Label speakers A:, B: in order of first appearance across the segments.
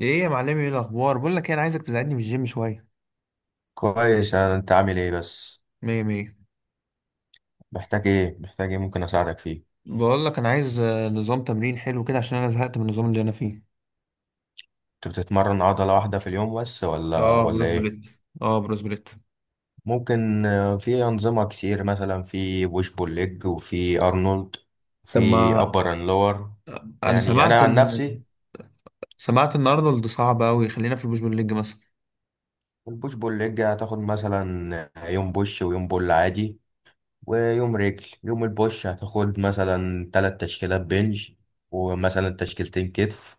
A: ايه يا معلمي؟ ايه الاخبار؟ بقول لك إيه، انا عايزك تساعدني في الجيم شويه.
B: كويس. انت عامل ايه بس؟
A: مية مية.
B: محتاج ايه ممكن اساعدك فيه؟
A: بقول لك انا عايز نظام تمرين حلو كده عشان انا زهقت من النظام اللي انا فيه.
B: انت بتتمرن عضلة واحدة في اليوم بس ولا
A: اه
B: ولا
A: بروس
B: ايه؟
A: بليت.
B: ممكن. في انظمة كتير، مثلا في بوش بول ليج، وفي ارنولد، في
A: طب ما
B: ابر اند لور.
A: انا
B: يعني انا
A: سمعت
B: عن
A: ان
B: نفسي،
A: ارنولد صعب قوي، خلينا في البوش بول ليج مثلا.
B: البوش بول ليج هتاخد مثلا يوم بوش ويوم بول عادي، ويوم رجل. يوم البوش هتاخد مثلا تلات تشكيلات بنج، ومثلا تشكيلتين كتف،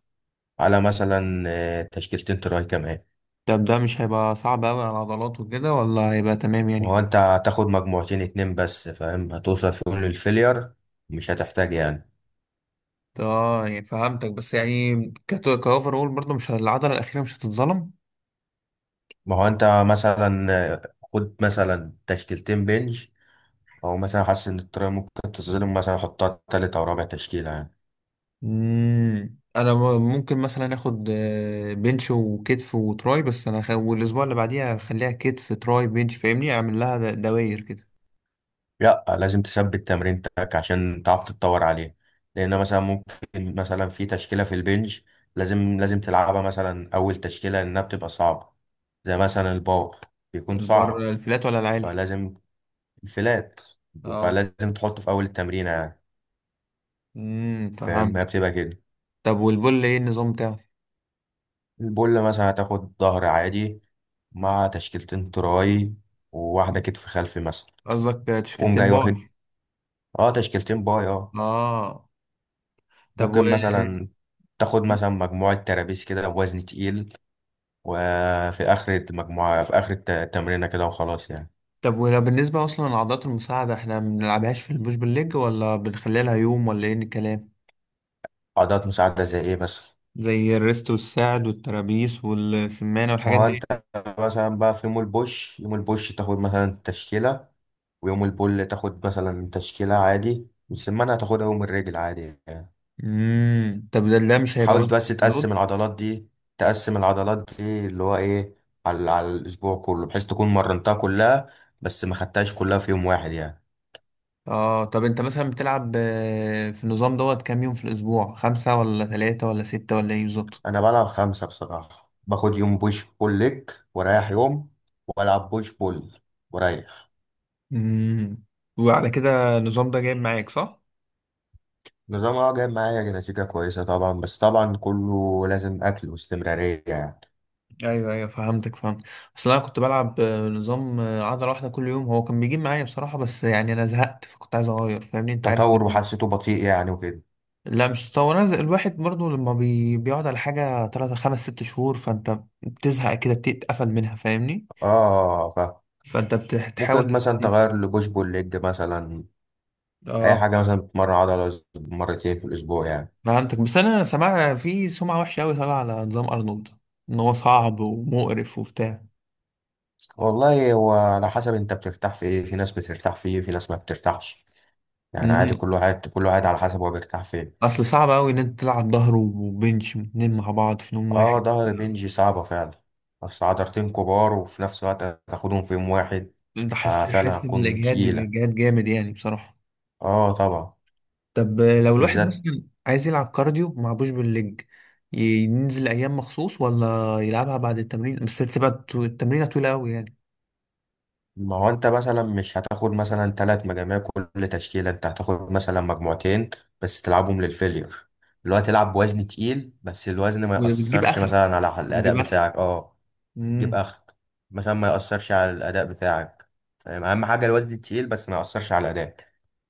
B: على مثلا تشكيلتين تراي كمان.
A: طب ده مش هيبقى صعب قوي على العضلات وكده، ولا هيبقى تمام
B: هو
A: يعني؟
B: انت هتاخد مجموعتين اتنين بس، فاهم؟ هتوصل فيهم للفيلير، مش هتحتاج يعني.
A: اه يعني فهمتك، بس يعني كاوفر اول برضه، مش العضله الاخيره مش هتتظلم.
B: ما هو انت مثلا خد مثلا تشكيلتين بنج، او مثلا حاسس ان الطريقه ممكن تظلم، مثلا حطها تالت او رابع تشكيله يعني.
A: مم. انا ممكن مثلا اخد بنش وكتف وتراي، بس انا والاسبوع اللي بعديها اخليها كتف تراي بنش، فاهمني اعمل لها دواير كده.
B: لا، لازم تثبت تمرينتك عشان تعرف تتطور عليه. لان مثلا ممكن، مثلا في تشكيله في البنج، لازم لازم تلعبها مثلا اول تشكيله لانها بتبقى صعبه، زي مثلا الباور، بيكون
A: البر
B: صعب.
A: الفلات ولا العالي؟
B: فلازم... فلات.
A: اه.
B: فلازم تحطه في أول التمرينة يعني. فاهم؟
A: فهمت.
B: هي بتبقى كده.
A: طب والبول ايه النظام بتاعه؟
B: البول مثلا هتاخد ظهر عادي، مع تشكيلتين تراي، وواحدة كتف خلفي مثلا.
A: قصدك
B: تقوم
A: تشكيلتين
B: جاي
A: باي.
B: واخد، اه تشكيلتين باي، اه.
A: اه. طب
B: ممكن مثلا تاخد مثلا مجموعة ترابيس كده بوزن تقيل، وفي آخر المجموعة، في آخر التمرينة كده، وخلاص يعني.
A: طب ولا بالنسبه اصلا لعضلات المساعده احنا ما بنلعبهاش في البوش بالليج، ولا بنخليها لها يوم ولا ايه الكلام؟
B: عضلات مساعدة زي ايه مثلا؟
A: زي الريست والساعد والترابيس والسمانه
B: ما
A: والحاجات
B: هو انت
A: دي.
B: مثلا بقى، في يوم البوش، يوم البوش تاخد مثلا تشكيلة، ويوم البول تاخد مثلا تشكيلة عادي، والسمانة هتاخدها يوم الرجل عادي يعني.
A: طب ده مش هيبقى فاهم؟
B: حاول
A: مثلا
B: بس
A: لود.
B: تقسم العضلات دي. تقسم العضلات دي اللي هو ايه، على الأسبوع كله، بحيث تكون مرنتها كلها، بس ما خدتهاش كلها في يوم واحد يعني.
A: اه طب انت مثلا بتلعب في النظام دوت كام يوم في الاسبوع؟ 5 ولا 3 ولا 6 ولا ايه بالظبط؟
B: أنا بلعب خمسة بصراحة. باخد يوم بوش بول ليج ورايح يوم، وألعب بوش بول ورايح.
A: امم وعلى كده النظام ده جايب معاك صح؟
B: نظام، اه، جايب معايا نتيجة كويسة طبعا، بس طبعا كله لازم أكل واستمرارية يعني.
A: ايوه ايوه فهمتك فهمت. اصل انا كنت بلعب نظام عضله واحده كل يوم، هو كان بيجيب معايا بصراحه، بس يعني انا زهقت فكنت عايز اغير، فاهمني انت عارف
B: تطور وحسيته بطيء يعني وكده.
A: لا مش تطور، انا الواحد برضو لما بيقعد على حاجه 3 5 6 شهور فانت بتزهق كده، بتتقفل منها فاهمني.
B: اه،
A: فانت
B: ممكن
A: بتحاول.
B: مثلا تغير لبوش بول ليج مثلا، اي
A: اه
B: حاجه مثلا بتمرن عضله مرتين في الاسبوع يعني.
A: فهمتك، بس انا سمعت في سمعة وحشة قوي طالعة على نظام ارنولد، ان هو صعب ومقرف وبتاع.
B: والله، هو على حسب انت بترتاح في ايه. في ناس بترتاح فيه، في ناس ما بترتاحش. يعني عادي،
A: مم.
B: كل واحد كل واحد على حسب هو بيرتاح فين.
A: اصل صعب قوي ان انت تلعب ظهر وبنش اتنين مع بعض في نوم واحد.
B: اه، ظهر بنجي صعبه فعلا، بس عضلتين كبار وفي نفس الوقت هتاخدهم في يوم واحد،
A: انت حاسس
B: ففعلا هتكون
A: بالاجهاد،
B: تقيله.
A: اجهاد جامد يعني بصراحة.
B: اه طبعا.
A: طب لو الواحد
B: بالذات.
A: مثلا عايز يلعب كارديو ما معبوش بالليج، ينزل ايام مخصوص ولا يلعبها بعد التمرين؟ بس هتبقى التمرينة طويلة قوي يعني.
B: ما هو انت مثلا مش هتاخد مثلا ثلاث مجاميع كل تشكيلة، انت هتاخد مثلا مجموعتين بس تلعبهم للفيلير، اللي هو تلعب بوزن تقيل بس الوزن ما
A: وبتجيب
B: يأثرش
A: اخرك.
B: مثلا على الأداء
A: بتجيب اخرك.
B: بتاعك. اه. جيب
A: مم.
B: آخرك، مثلا ما يأثرش على الأداء بتاعك، فاهم؟ أهم حاجة الوزن التقيل بس ما يأثرش على الأداء.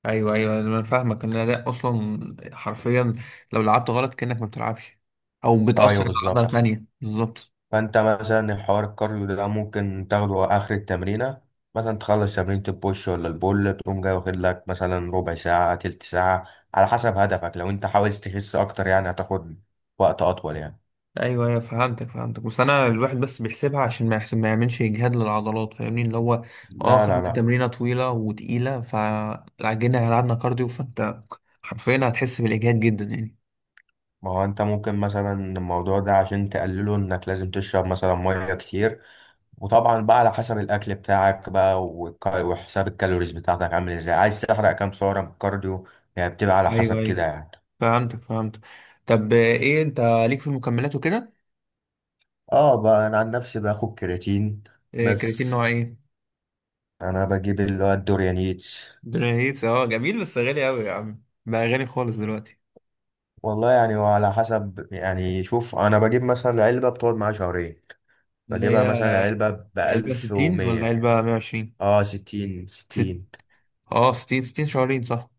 A: ايوه ايوه انا فاهمك ان ده اصلا، حرفيا، لو لعبت غلط كانك ما بتلعبش، او بتاثر
B: ايوه
A: على عضله
B: بالظبط.
A: تانية بالظبط.
B: فانت مثلا الحوار الكارديو ده ممكن تاخده اخر التمرينه، مثلا تخلص تمرينة البوش ولا البول تقوم جاي واخد لك مثلا ربع ساعه، تلت ساعه، على حسب هدفك. لو انت عاوز تخس اكتر يعني هتاخد وقت اطول يعني.
A: ايوه ايوه فهمتك فهمتك، بس انا الواحد بس بيحسبها عشان ما يحسب ما يعملش اجهاد للعضلات، فاهمني اللي هو اه
B: لا
A: خدنا
B: لا لا.
A: تمرينه طويله وتقيله فعجينا لعبنا كارديو، فانت حرفيا هتحس بالاجهاد جدا يعني.
B: ما هو انت ممكن مثلا الموضوع ده، عشان تقلله انك لازم تشرب مثلا ميه كتير. وطبعا بقى على حسب الاكل بتاعك بقى، وحساب الكالوريز بتاعتك عامل ازاي، عايز تحرق كام سعره من الكارديو، يعني بتبقى على
A: ايوه
B: حسب كده
A: ايوه
B: يعني.
A: فهمتك فهمتك. طب ايه انت ليك في المكملات وكده؟
B: اه بقى انا عن نفسي باخد كرياتين.
A: كرياتين
B: بس
A: نوع ايه؟
B: انا بجيب اللي هو الدوريانيتس.
A: بنيهيس. اه جميل، بس غالي قوي يا عم بقى، غالي خالص دلوقتي.
B: والله يعني، وعلى حسب يعني. شوف، انا بجيب مثلا علبة بتقعد معايا 2 شهور.
A: اللي
B: بجيبها
A: هي
B: مثلا علبة
A: علبة
B: بألف
A: 60 ولا
B: ومية
A: علبة 120؟
B: اه ستين
A: ست
B: ستين.
A: اه 60 60 شهرين صح.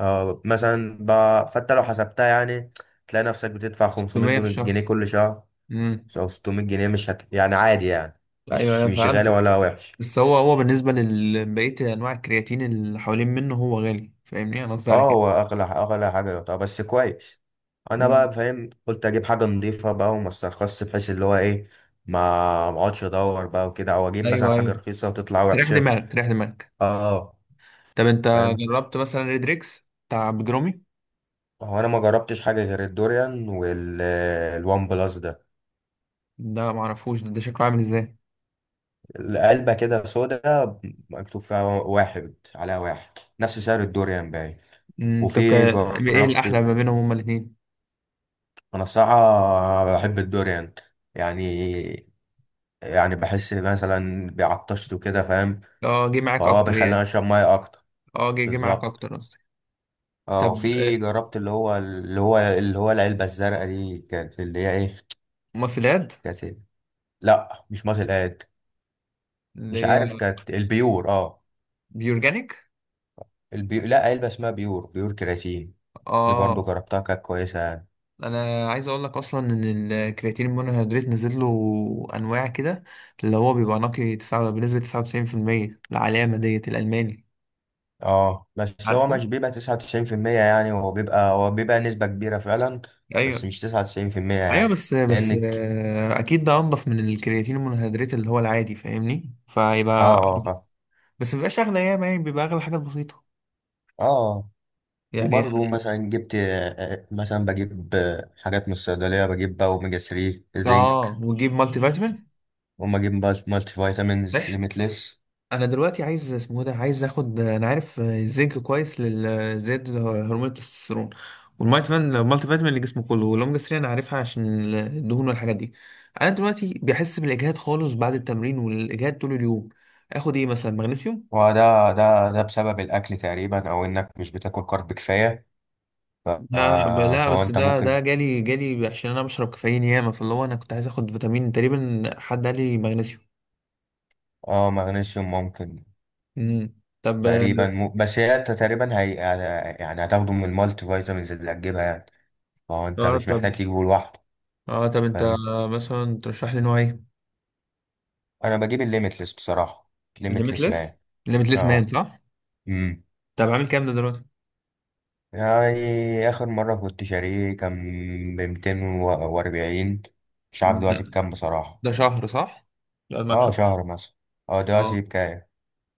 B: اه مثلا فانت لو حسبتها يعني تلاقي نفسك بتدفع خمسمية
A: 600 في
B: جنيه جنيه
A: الشهر.
B: كل شهر،
A: امم
B: او 600 جنيه. مش يعني عادي يعني،
A: ايوه
B: مش
A: انا
B: مش غالي
A: فهمت،
B: ولا وحش.
A: بس هو بالنسبة لبقية انواع الكرياتين اللي حوالين منه هو غالي، فاهمني انا قصدي على
B: اه،
A: كده.
B: هو اغلى اغلى حاجه. طب بس كويس. انا
A: امم
B: بقى فاهم، قلت اجيب حاجه نضيفه بقى وما استرخصش، بحيث اللي هو ايه، ما ما اقعدش ادور بقى وكده، او اجيب مثلا
A: ايوه
B: حاجه
A: ايوه
B: رخيصه وتطلع
A: تريح
B: وحشه.
A: دماغك تريح دماغك.
B: اه
A: طب انت
B: فاهم.
A: جربت مثلا ريدريكس بتاع بجرومي؟
B: هو انا ما جربتش حاجه غير الدوريان والوان بلس ده.
A: ده معرفوش ده. ده شكله عامل ازاي؟
B: العلبه كده سودا، مكتوب فيها واحد، عليها واحد، نفس سعر الدوريان باين.
A: طب
B: وفي
A: ايه الاحلى
B: جربت.
A: ما بينهم هما الاتنين؟
B: انا الصراحه بحب الدوريان يعني يعني بحس مثلا بعطشت وكده، فاهم؟
A: اه جه معاك
B: فهو
A: اكتر
B: بيخليني
A: يعني؟
B: اشرب ميه اكتر.
A: اه جه معاك
B: بالظبط.
A: اكتر قصدي.
B: اه
A: طب
B: وفي جربت اللي هو العلبه الزرقاء دي، كانت اللي هي ايه؟
A: ماسلات.
B: كانت إيه؟ لا مش ماسل اد. مش
A: اللي هي
B: عارف، كانت البيور اه.
A: بيورجانيك.
B: لا، علبه اسمها بيور كرياتين. دي برضو
A: اه
B: جربتها كانت كويسه يعني.
A: انا عايز اقول لك اصلا ان الكرياتين المونوهيدرات نزل له انواع كده، اللي هو بيبقى نقي تسعة بنسبة 99%، العلامة ديت الالماني.
B: اه، بس هو
A: عارفه.
B: مش بيبقى 99%، يعني هو بيبقى، نسبه كبيره فعلا، بس
A: ايوه
B: مش 99%
A: ايوه
B: يعني.
A: بس
B: لانك
A: اكيد ده انضف من الكرياتين المونوهيدرات اللي هو العادي، فاهمني
B: اه.
A: فيبقى
B: اه فاهم.
A: بس مبيبقاش اغلى ياما يعني، بيبقى اغلى حاجة بسيطة
B: اه
A: يعني.
B: وبرضه مثلا جبت، مثلا بجيب، حاجات من الصيدلية. بجيب بقى أوميجا 3،
A: اه
B: زنك،
A: وتجيب مالتي فيتامين.
B: وما أجيب بقى مالتي
A: صح.
B: فيتامينز ليميتلس.
A: انا دلوقتي عايز اسمه إيه ده عايز اخد، انا عارف الزنك كويس للزيادة هرمون التستوستيرون، والمالتي فيتامين المالتي فيتامين اللي جسمه كله، واللونج 3 انا عارفها عشان الدهون والحاجات دي. انا دلوقتي بحس بالاجهاد خالص بعد التمرين، والاجهاد طول اليوم. اخد ايه مثلا مغنيسيوم؟
B: وده ده ده بسبب الأكل تقريبا، أو إنك مش بتاكل كارب كفاية.
A: لا لا
B: فهو
A: بس
B: أنت
A: ده
B: ممكن.
A: ده جالي عشان انا بشرب كافيين ياما، فاللي هو انا كنت عايز اخد فيتامين، تقريبا حد قال لي مغنيسيوم.
B: اه مغنيسيوم ممكن.
A: امم طب.
B: تقريبا بس هي أنت تقريبا هي، يعني هتاخده من المالتي فيتامينز اللي هتجيبها يعني، فهو أنت
A: اه
B: مش
A: طب
B: محتاج تجيبه لوحده.
A: انت
B: فاهم.
A: مثلا ترشح لي نوع ايه؟
B: أنا بجيب الليميتلس بصراحة. ليميتلس
A: ليميتلس
B: مان.
A: ليميتلس مان
B: اه
A: صح. طب عامل كام ده دلوقتي؟
B: يعني آخر مرة كنت شاريه كان ب240. مش عارف
A: ده
B: دلوقتي بكام بصراحة.
A: ده شهر صح، لا معاك
B: اه
A: شهر.
B: شهر مثلا. اه
A: اه
B: دلوقتي بكام؟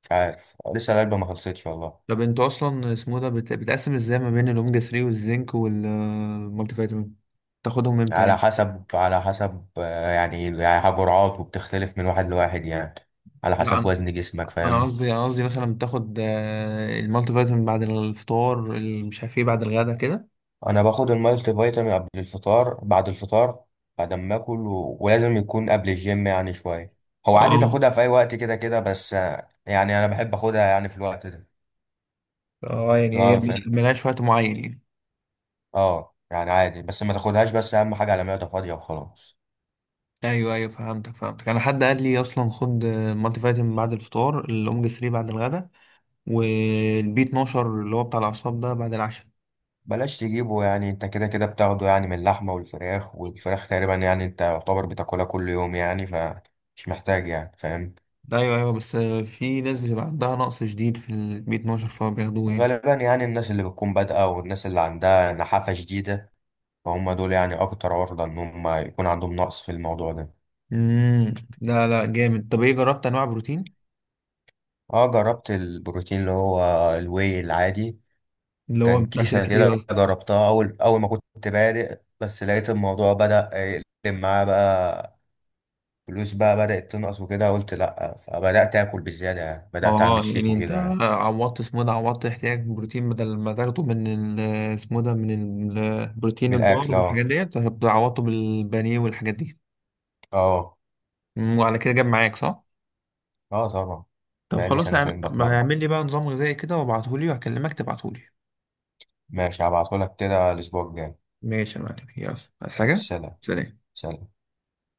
B: مش عارف لسه العلبة ما خلصتش والله.
A: طب انتوا اصلا اسمه ده بتقسم ازاي ما بين الاوميجا 3 والزنك والمالتي فيتامين؟ تاخدهم امتى
B: على
A: يعني؟
B: حسب على حسب يعني جرعات، وبتختلف من واحد لواحد يعني، على
A: لا
B: حسب
A: انا
B: وزن جسمك.
A: انا
B: فاهم؟
A: قصدي انا قصدي مثلا بتاخد المالتي فيتامين بعد الفطار، مش عارف ايه، بعد الغدا كده.
B: انا باخد المالتي فيتامين قبل الفطار، بعد الفطار، بعد ما اكل، ولازم يكون قبل الجيم يعني شوية. هو عادي
A: اه.
B: تاخدها في اي وقت كده كده، بس يعني انا بحب اخدها يعني في الوقت ده.
A: اه يعني
B: لو
A: هي
B: انا فاهم.
A: ملهاش وقت معين يعني.
B: اه يعني عادي، بس ما تاخدهاش، بس اهم حاجه على معده فاضيه وخلاص.
A: ايوه ايوه فهمتك فهمتك. انا حد قال لي اصلا خد المالتي فيتامين بعد الفطار، الاوميجا 3 بعد الغدا، والبي 12 اللي هو بتاع الأعصاب ده بعد العشاء.
B: بلاش تجيبه، يعني انت كده كده بتاخده يعني من اللحمه والفراخ تقريبا يعني، انت يعتبر بتاكلها كل يوم يعني، فمش محتاج يعني، فاهم؟
A: أيوه أيوه، بس في ناس بتبقى عندها نقص شديد في البي 12 فبياخدوه يعني.
B: غالبا يعني الناس اللي بتكون بادئه والناس اللي عندها نحافه شديده، فهم دول يعني اكتر عرضه ان هم يكون عندهم نقص في الموضوع ده.
A: امم لا لا جامد. طب إيه، جربت أنواع بروتين؟
B: اه جربت البروتين اللي هو الواي العادي.
A: اللي هو
B: كان
A: بتاع
B: كيسة
A: شركة إيه
B: كده
A: قصدي؟
B: جربتها أول، أول ما كنت بادئ، بس لقيت الموضوع بدأ يقلب معاه بقى، فلوس بقى بدأت تنقص وكده، قلت لأ. فبدأت آكل بالزيادة يعني، بدأت
A: اه
B: أعمل شيك
A: يعني انت
B: وكده يعني.
A: عوضت اسمه إيه ده، عوضت احتياج بروتين بدل ما تاخده من اسمه إيه ده، من البروتين
B: من
A: البار
B: الأكل
A: والحاجات
B: أه.
A: ديت، عوضته بالبانيه والحاجات دي.
B: أه.
A: وعلى كده جاب معاك صح؟
B: أه طبعا.
A: طب
B: بقالي
A: خلاص
B: 2 سنين بتمرن.
A: اعمل لي بقى نظام غذائي كده وابعتهولي وهكلمك تبعتهولي.
B: ماشي هبعتهولك كده الأسبوع الجاي.
A: ماشي يا معلم، يلا عايز حاجة؟
B: سلام.
A: سلام.
B: سلام.